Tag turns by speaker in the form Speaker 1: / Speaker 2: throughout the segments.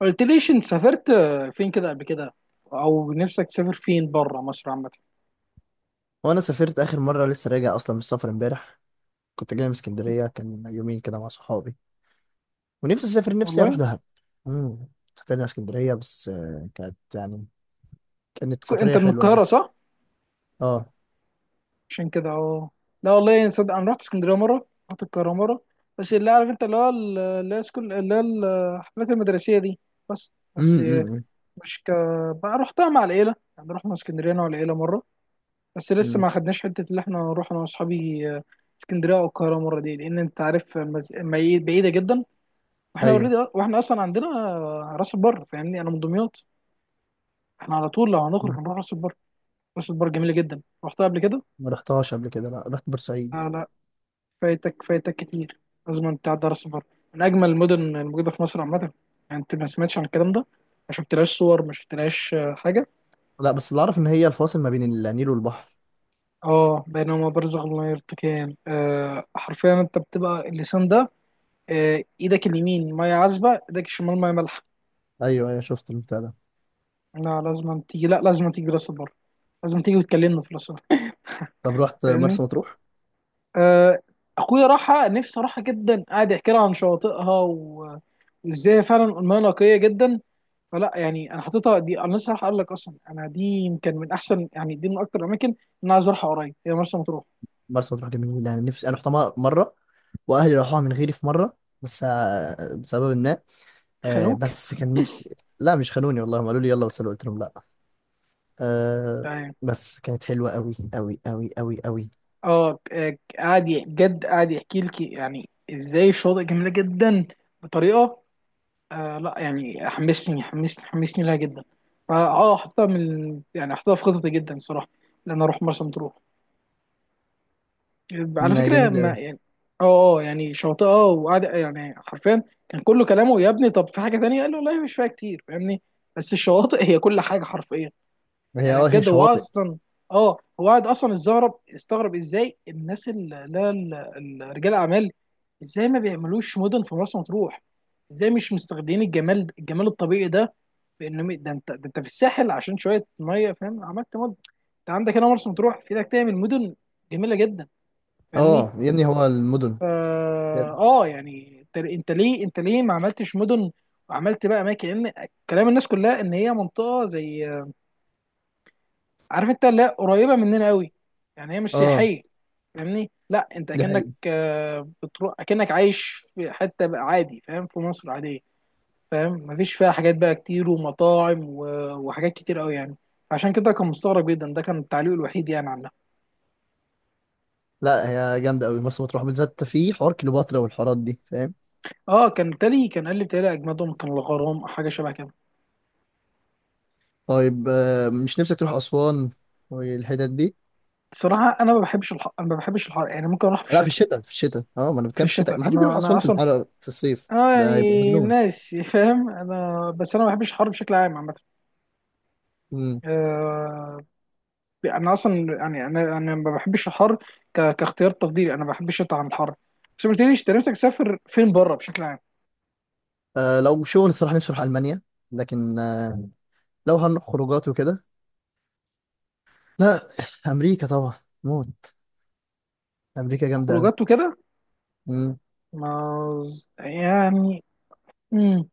Speaker 1: قلت ليش انت سافرت فين كده قبل كده، او نفسك تسافر فين بره مصر عامه؟
Speaker 2: وانا سافرت اخر مره، لسه راجع اصلا من السفر امبارح. كنت جاي من اسكندريه، كان يومين كده مع صحابي. ونفسي اسافر، نفسي اروح
Speaker 1: والله.
Speaker 2: دهب. امم سافرنا اسكندريه، بس كانت يعني كانت
Speaker 1: انت
Speaker 2: سفريه
Speaker 1: من
Speaker 2: حلوه يعني.
Speaker 1: القاهره صح؟
Speaker 2: اه.
Speaker 1: عشان كده، اه. لا والله صدق انا رحت اسكندريه مره، رحت القاهره مره. بس اللي عارف انت، اللي هو اللي هي سكول، اللي هي الحفلات المدرسيه دي. بس.
Speaker 2: امم امم
Speaker 1: مش ك بقى رحتها مع العيله، يعني رحنا اسكندريه انا والعيله مره. بس لسه
Speaker 2: أمم.
Speaker 1: ما خدناش حته اللي احنا نروح انا واصحابي اسكندريه او القاهره مره دي، لان انت عارف بعيده جدا. واحنا
Speaker 2: ايوه.
Speaker 1: اوريدي، واحنا اصلا عندنا راس البر، فاهمني؟ انا من دمياط. احنا على طول لو هنخرج
Speaker 2: مم.
Speaker 1: هنروح راس البر. راس البر جميله جدا، رحتها قبل كده.
Speaker 2: ما رحتهاش قبل كده، لا رحت بورسعيد.
Speaker 1: آه، لا. فايتك فايتك كتير. لازم انت تعدي على راس البر، من اجمل المدن الموجوده في مصر عامه. يعني انت ما سمعتش عن الكلام ده؟ ما شفتلهاش صور، ما شفتلهاش حاجه؟
Speaker 2: لا، بس اللي اعرف ان هي الفاصل ما بين النيل والبحر.
Speaker 1: اه، بينما برزخ لا يرتقيان، حرفيا انت بتبقى اللسان ده. ايدك اليمين ميه عذبه، ايدك الشمال ميه مالحه.
Speaker 2: ايوه ايوه، شفت البتاع ده.
Speaker 1: لا لازم تيجي، لا لازم تيجي راس البر. لازم تيجي وتكلمنا في راس البر.
Speaker 2: طب رحت
Speaker 1: فاهمني؟
Speaker 2: مرسى مطروح؟
Speaker 1: آه، اخويا راحة، نفسي راحة جدا. قاعد يحكي لها عن شواطئها وازاي فعلا المياه نقية جدا. فلا يعني انا حاططها دي، انا لسه راح اقول لك اصلا. انا دي يمكن من احسن، يعني دي من اكتر الاماكن اللي انا عايز اروحها قريب، هي مرسى مطروح.
Speaker 2: مرسى مطروح جميله، انا نفسي، انا رحتها مره وأهلي راحوها من غيري في مره. بس بسبب ما
Speaker 1: خانوك.
Speaker 2: بس كان نفسي. لا مش خانوني والله، هم قالوا لي يلا بس أنا قلت لهم لا. آه.
Speaker 1: يعني
Speaker 2: بس كانت حلوة قوي قوي قوي قوي قوي.
Speaker 1: اه آه، قاعد جد قاعد يحكي لك يعني ازاي الشواطئ جميلة جدا بطريقة. لا يعني حمسني حمسني حمسني لها جدا. حاططها من يعني حاططها في خططي جدا الصراحة، ان انا اروح مرسى مطروح. على
Speaker 2: مم، هي
Speaker 1: فكره
Speaker 2: جميلة
Speaker 1: ما
Speaker 2: قوي.
Speaker 1: يعني اه يعني شاطئه. وقعد يعني حرفيا كان كله كلامه يا ابني. طب في حاجه تانية قال له والله مش فيها كتير، فاهمني؟ بس الشواطئ هي كل حاجه حرفيا.
Speaker 2: هي
Speaker 1: يعني
Speaker 2: اه هي
Speaker 1: بجد هو
Speaker 2: شواطئ.
Speaker 1: اصلا اه هو قاعد اصلا استغرب استغرب ازاي الناس اللي لا ال- ال- رجال اعمال، ازاي ما بيعملوش مدن في مرسى مطروح. ازاي مش مستغلين الجمال الجمال الطبيعي ده. بانه ده انت في الساحل عشان شويه ميه، فاهم؟ عملت مدن. انت عندك هنا مرسى مطروح في ايدك، تعمل مدن جميله جدا. فاهمني؟
Speaker 2: اه يا ابني هو المدن. بجد.
Speaker 1: يعني انت ليه ما عملتش مدن، وعملت بقى اماكن؟ لان كلام الناس كلها ان هي منطقه زي، عارف انت؟ لا قريبه مننا قوي، يعني هي مش
Speaker 2: اه.
Speaker 1: سياحيه. فاهمني؟ لا انت
Speaker 2: دي
Speaker 1: اكنك،
Speaker 2: حقيقة.
Speaker 1: بتروح اكنك عايش في حته بقى عادي. فاهم؟ في مصر عاديه. فاهم؟ مفيش فيها حاجات بقى كتير ومطاعم وحاجات كتير قوي يعني. عشان كده كان مستغرب جدا. ده كان التعليق الوحيد يعني عنها.
Speaker 2: لا هي جامدة قوي مرسى مطروح، بالذات في حوار كليوباترا والحوارات دي، فاهم؟
Speaker 1: اه كان تالي كان قال لي بتهيألي اجمدهم كان الغرام أو حاجه شبه كده.
Speaker 2: طيب آه، مش نفسك تروح أسوان والحتت دي؟
Speaker 1: صراحة أنا ما بحبش الحر، أنا ما بحبش الحر، يعني ممكن أروح في
Speaker 2: لا في
Speaker 1: الشتاء.
Speaker 2: الشتاء، في الشتاء اه، ما انا
Speaker 1: في
Speaker 2: بتكلم في الشتاء، ما
Speaker 1: الشتاء،
Speaker 2: حدش
Speaker 1: أنا
Speaker 2: بيروح
Speaker 1: أنا
Speaker 2: أسوان في
Speaker 1: أصلا
Speaker 2: الحر في الصيف،
Speaker 1: أنا
Speaker 2: ده هيبقى
Speaker 1: يعني
Speaker 2: مجنون.
Speaker 1: ناس فاهم؟ أنا بس أنا ما بحبش الحر بشكل عام، عامة.
Speaker 2: مم.
Speaker 1: آه، أنا أصلا يعني، أنا ما بحبش الحر كاختيار تفضيلي. أنا بحب الشتاء عن الحر. بس ما قلتليش، أنت نفسك تسافر فين بره بشكل عام؟
Speaker 2: آه، لو شغل الصراحة نفسي أروح ألمانيا. لكن آه، لو هنروح خروجات وكده، لا. امريكا طبعا. موت. امريكا جامده قوي.
Speaker 1: خروجات وكده؟
Speaker 2: امم.
Speaker 1: ما يعني. مم.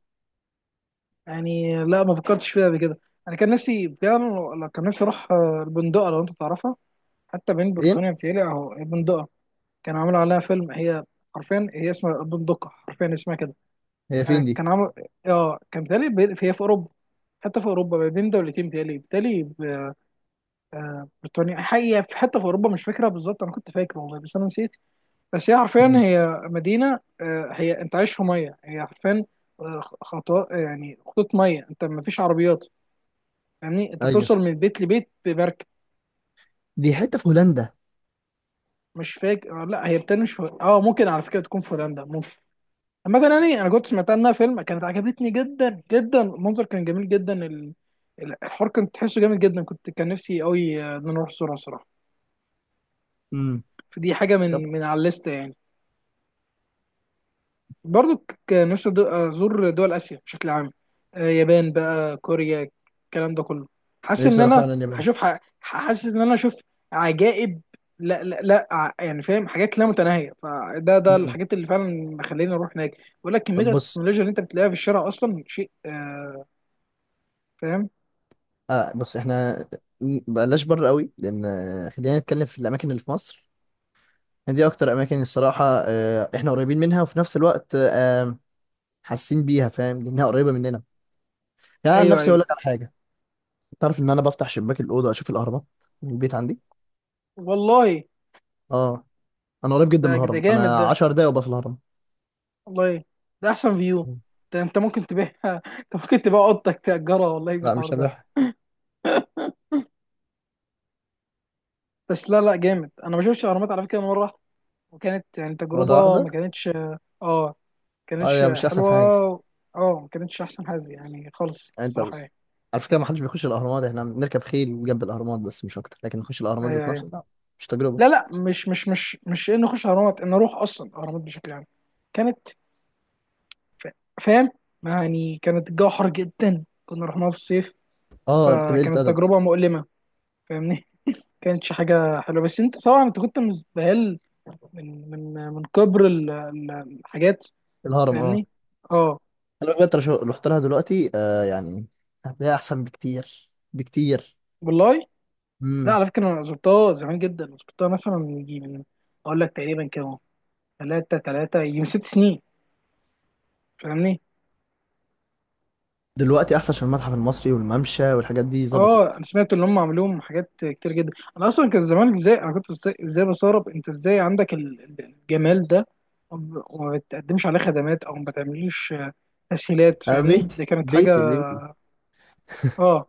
Speaker 1: يعني لا ما فكرتش فيها قبل كده. أنا كان نفسي، كان نفسي أروح، البندقة لو أنت تعرفها. حتى بين
Speaker 2: فين؟
Speaker 1: بريطانيا بتهيألي أهو البندقة. كانوا عملوا عليها فيلم هي، حرفيا هي اسمها البندقة، حرفيا اسمها كده.
Speaker 2: هي فين دي؟
Speaker 1: كان عمل. اه كان بيتهيألي هي في اوروبا. حتى في اوروبا ما بين دولتين بيتهيألي بريطانيا. حقيقة في حتة في اوروبا مش فاكرة بالظبط، انا كنت فاكر والله بس انا نسيت. بس هي حرفيا
Speaker 2: امم.
Speaker 1: هي مدينة، هي انت عايش في مية، هي حرفيا خطوة، يعني خطوط مية، انت ما فيش عربيات. يعني انت
Speaker 2: ايوه.
Speaker 1: بتوصل من بيت لبيت بمركب.
Speaker 2: دي حته في هولندا.
Speaker 1: مش فاكر لا هي بتنش. اه ممكن على فكرة تكون في هولندا، ممكن. مثلا يعني انا كنت سمعتها انها فيلم، كانت عجبتني جدا جدا. المنظر كان جميل جدا، الحوار كان تحسه جامد جدا. كنت كان نفسي قوي، ان أنا اروح صورة صراحه.
Speaker 2: امم.
Speaker 1: فدي حاجه
Speaker 2: طب
Speaker 1: من على الليسته يعني. برضو كان نفسي ازور دول اسيا بشكل عام، يابان بقى، كوريا، الكلام ده كله. حاسس ان
Speaker 2: نفسي اروح
Speaker 1: انا
Speaker 2: فعلا اليابان.
Speaker 1: هشوف، حاسس ان انا اشوف عجائب. لا لا لا، يعني فاهم حاجات لا متناهيه. فده
Speaker 2: امم.
Speaker 1: الحاجات اللي فعلا مخليني اروح هناك. بقول لك
Speaker 2: طب
Speaker 1: كميه
Speaker 2: بص،
Speaker 1: التكنولوجيا اللي انت بتلاقيها في الشارع اصلا شيء فاهم؟
Speaker 2: آه بص، بلاش بره قوي، لان خلينا نتكلم في الاماكن اللي في مصر. دي اكتر اماكن الصراحه احنا قريبين منها، وفي نفس الوقت حاسين بيها فاهم، لانها قريبه مننا. يعني عن
Speaker 1: ايوه،
Speaker 2: نفسي اقول
Speaker 1: ايوه.
Speaker 2: لك على حاجه، تعرف ان انا بفتح شباك الاوضه اشوف الاهرامات من البيت عندي؟
Speaker 1: والله،
Speaker 2: اه، انا قريب جدا من
Speaker 1: ده
Speaker 2: الهرم،
Speaker 1: جامد
Speaker 2: انا
Speaker 1: ده.
Speaker 2: 10 دقايق وابقى في الهرم.
Speaker 1: والله ده احسن فيو. ده انت ممكن تبيع انت ممكن تبيع اوضتك، تأجرها والله
Speaker 2: لا
Speaker 1: بالحوار
Speaker 2: مش
Speaker 1: ده.
Speaker 2: هبح.
Speaker 1: بس لا لا جامد. انا ما شفتش اهرامات على فكره، مره واحده. وكانت يعني
Speaker 2: ولا
Speaker 1: تجربه ما
Speaker 2: واحده.
Speaker 1: كانتش، اه ما كانتش
Speaker 2: هي مش احسن
Speaker 1: حلوه.
Speaker 2: حاجه.
Speaker 1: اه ما كانتش احسن حاجه يعني خالص
Speaker 2: يعني انت،
Speaker 1: بصراحه يعني.
Speaker 2: على فكره ما حدش بيخش الاهرامات، احنا بنركب خيل جنب الاهرامات بس مش اكتر، لكن نخش الاهرامات
Speaker 1: ايوه
Speaker 2: ذات
Speaker 1: ايوه.
Speaker 2: نفسه لا. مش تجربه.
Speaker 1: لا لا، مش انه اخش اهرامات، ان اروح اصلا اهرامات بشكل عام. كانت، ف- فاهم؟ يعني كانت الجو حر جدا، كنا رحناها في الصيف.
Speaker 2: اه، بتبقى قله
Speaker 1: فكانت
Speaker 2: ادب.
Speaker 1: تجربه مؤلمه، فاهمني؟ كانتش حاجه حلوه. بس انت طبعا انت كنت مستهل من كبر الحاجات.
Speaker 2: الهرم اه.
Speaker 1: فاهمني؟ اه
Speaker 2: انا بجد رحت لها دلوقتي آه يعني، هتلاقيها احسن بكتير بكتير.
Speaker 1: والله. لا
Speaker 2: امم.
Speaker 1: على فكره، انا زرتها زمان جدا. زرتها مثلا من يجي من، اقول لك تقريبا كانوا، ثلاثة يجي من 6 سنين. فاهمني؟
Speaker 2: دلوقتي احسن، عشان المتحف المصري والممشى والحاجات دي
Speaker 1: اه
Speaker 2: ظبطت.
Speaker 1: انا سمعت ان هم عملوهم حاجات كتير جدا. انا اصلا كان زمان، ازاي انا كنت إزاي بستغرب انت ازاي عندك الجمال ده، وما بتقدمش عليه خدمات او ما بتعمليش تسهيلات.
Speaker 2: آه
Speaker 1: فاهمني؟
Speaker 2: بيتي
Speaker 1: دي كانت
Speaker 2: بيتي
Speaker 1: حاجه.
Speaker 2: بيتي
Speaker 1: اه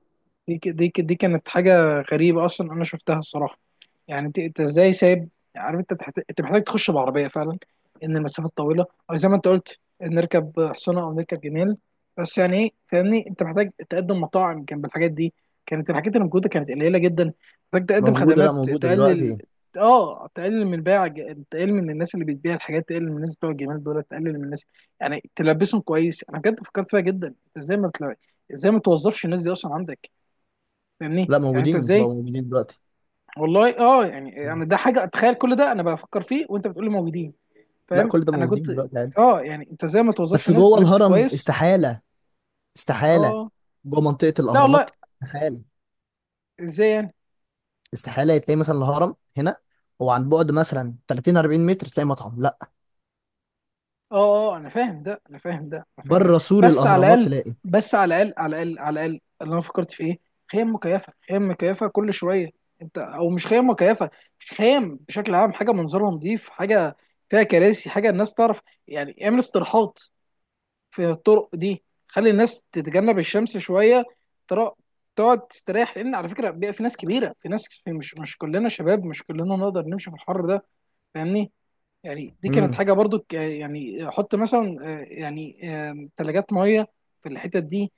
Speaker 1: دي كانت حاجه غريبه اصلا انا شفتها الصراحه. يعني انت ازاي سايب؟ عارف انت انت محتاج تخش بعربيه فعلا، ان المسافه طويله. او زي ما انت قلت نركب حصانه او نركب جمال. بس يعني ايه، فاهمني؟ انت محتاج تقدم مطاعم جنب الحاجات دي. كانت الحاجات اللي موجوده كانت قليله جدا. محتاج تقدم
Speaker 2: موجوده، لا
Speaker 1: خدمات
Speaker 2: موجوده
Speaker 1: تقلل،
Speaker 2: دلوقتي.
Speaker 1: اه تقلل من الناس اللي بتبيع الحاجات، تقلل من الناس بتوع الجمال دول، تقلل من الناس يعني، تلبسهم كويس. انا بجد فكرت فيها جدا. انت ازاي ما توظفش الناس دي اصلا عندك؟ فاهمني؟
Speaker 2: لا
Speaker 1: يعني انت
Speaker 2: موجودين،
Speaker 1: ازاي؟
Speaker 2: بقوا موجودين دلوقتي.
Speaker 1: والله، اه. يعني
Speaker 2: مم.
Speaker 1: انا ده حاجه اتخيل، كل ده انا بفكر فيه وانت بتقول لي موجودين.
Speaker 2: لا
Speaker 1: فاهم؟
Speaker 2: كل ده
Speaker 1: انا
Speaker 2: موجودين
Speaker 1: كنت،
Speaker 2: دلوقتي.
Speaker 1: اه يعني انت ازاي ما توظفش
Speaker 2: بس
Speaker 1: الناس
Speaker 2: جوه
Speaker 1: بنفس
Speaker 2: الهرم
Speaker 1: كويس؟
Speaker 2: استحالة، استحالة.
Speaker 1: اه
Speaker 2: جوه منطقة
Speaker 1: لا
Speaker 2: الأهرامات
Speaker 1: والله.
Speaker 2: استحالة.
Speaker 1: ازاي يعني؟
Speaker 2: استحالة تلاقي مثلا الهرم هنا، هو عن بعد مثلا 30 40 متر تلاقي مطعم، لا.
Speaker 1: اه اه، انا فاهم ده، انا فاهم ده، انا فاهم ده.
Speaker 2: بره سور
Speaker 1: بس على
Speaker 2: الأهرامات
Speaker 1: الاقل،
Speaker 2: تلاقي.
Speaker 1: بس على الاقل، على الاقل، على الاقل اللي انا فكرت في ايه، خيام مكيفه، خيام مكيفه كل شويه. انت، او مش خيام مكيفه، خيام بشكل عام. حاجه منظرها نظيف، حاجه فيها كراسي، حاجه الناس تعرف. يعني اعمل استراحات في الطرق دي، خلي الناس تتجنب الشمس شويه. ترا- تقعد تستريح، لان على فكره بيبقى في ناس كبيره، في ناس في، مش كلنا شباب، مش كلنا نقدر نمشي في الحر ده، فاهمني؟ يعني دي كانت
Speaker 2: امم
Speaker 1: حاجه برضو يعني حط مثلا، يعني ثلاجات ميه في الحتت دي،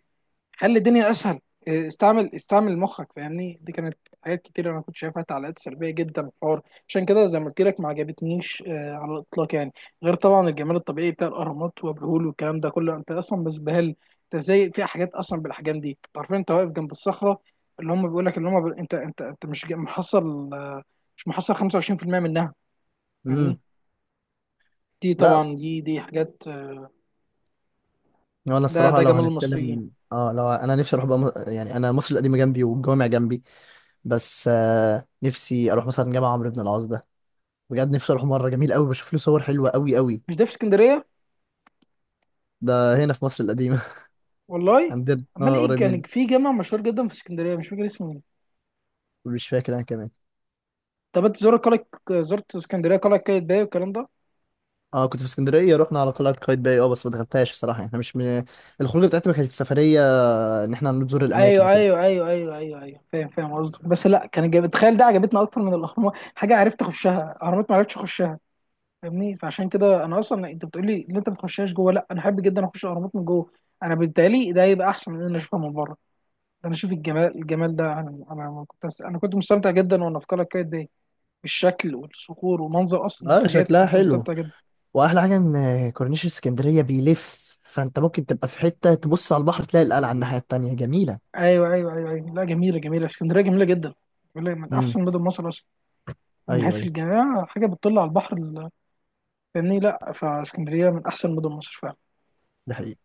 Speaker 1: خلي الدنيا اسهل. إيه، استعمل استعمل مخك، فاهمني؟ دي كانت حاجات كتير انا كنت شايفها تعليقات سلبيه جدا في الحوار. عشان كده زي ما قلت لك ما عجبتنيش على الاطلاق يعني. غير طبعا الجمال الطبيعي بتاع الاهرامات وابو الهول والكلام ده كله، انت اصلا مزبهل. انت ازاي في حاجات اصلا بالاحجام دي؟ انت عارفين، انت واقف جنب الصخره اللي هم بيقول لك اللي هم انت مش محصل مش محصل 25% منها، فاهمني؟
Speaker 2: امم
Speaker 1: دي طبعا
Speaker 2: لا.
Speaker 1: دي حاجات
Speaker 2: وانا
Speaker 1: ده
Speaker 2: الصراحة
Speaker 1: ده
Speaker 2: لو
Speaker 1: جمال المصريين.
Speaker 2: هنتكلم اه، لو انا نفسي اروح بقى يعني انا مصر القديمة جنبي والجوامع جنبي. بس آه، نفسي اروح مثلا جامع عمرو بن العاص ده. بجد نفسي اروح مرة، جميل قوي، بشوف له صور حلوة قوي قوي.
Speaker 1: مش ده في اسكندريه؟
Speaker 2: ده هنا في مصر القديمة.
Speaker 1: والله.
Speaker 2: عندنا
Speaker 1: امال
Speaker 2: اه،
Speaker 1: ايه
Speaker 2: قريب
Speaker 1: كان
Speaker 2: مني.
Speaker 1: في جامع مشهور جدا في اسكندريه مش فاكر اسمه ايه.
Speaker 2: مش فاكر انا كمان.
Speaker 1: طب انت زرت قلعه؟ زرت اسكندريه قلعه قايتباي والكلام ده؟
Speaker 2: اه كنت في اسكندريه، رحنا على قلعه قايتباي اه، بس ما دخلتهاش الصراحه، احنا مش من... الخروجه بتاعتنا ما كانتش سفريه ان احنا نزور الاماكن
Speaker 1: ايوه
Speaker 2: وكده.
Speaker 1: ايوه ايوه ايوه ايوه ايوه. فاهم فاهم قصدك. بس لا كان جاب تخيل ده، عجبتنا اكتر من الاهرامات. حاجه عرفت اخشها، اهرامات ما عرفتش اخشها، فاهمني؟ فعشان كده انا اصلا انت بتقول لي ان انت ما تخشهاش جوه، لا انا احب جدا اخش الاهرامات من جوه. انا بالتالي ده يبقى احسن من ان انا اشوفها من بره ده. انا اشوف الجمال، الجمال ده، انا كنت مستمتع جدا وانا في قلعه قايتباي، بالشكل والصخور ومنظر اصلا
Speaker 2: اه
Speaker 1: الحاجات.
Speaker 2: شكلها
Speaker 1: كنت
Speaker 2: حلو.
Speaker 1: مستمتع جدا.
Speaker 2: واحلى حاجه ان كورنيش اسكندريه بيلف، فانت ممكن تبقى في حته تبص على البحر تلاقي القلعه على الناحيه التانيه، جميله.
Speaker 1: ايوه ايوه ايوه ايوه. لا جميله جميله، اسكندريه جميله جدا. بيقول لك من
Speaker 2: امم.
Speaker 1: احسن مدن مصر اصلا، من
Speaker 2: ايوه
Speaker 1: حيث
Speaker 2: ايوه.
Speaker 1: الجميع حاجه بتطل على البحر فاهمني؟ لا فاسكندريه من احسن مدن مصر فعلا.
Speaker 2: ده حقيقي.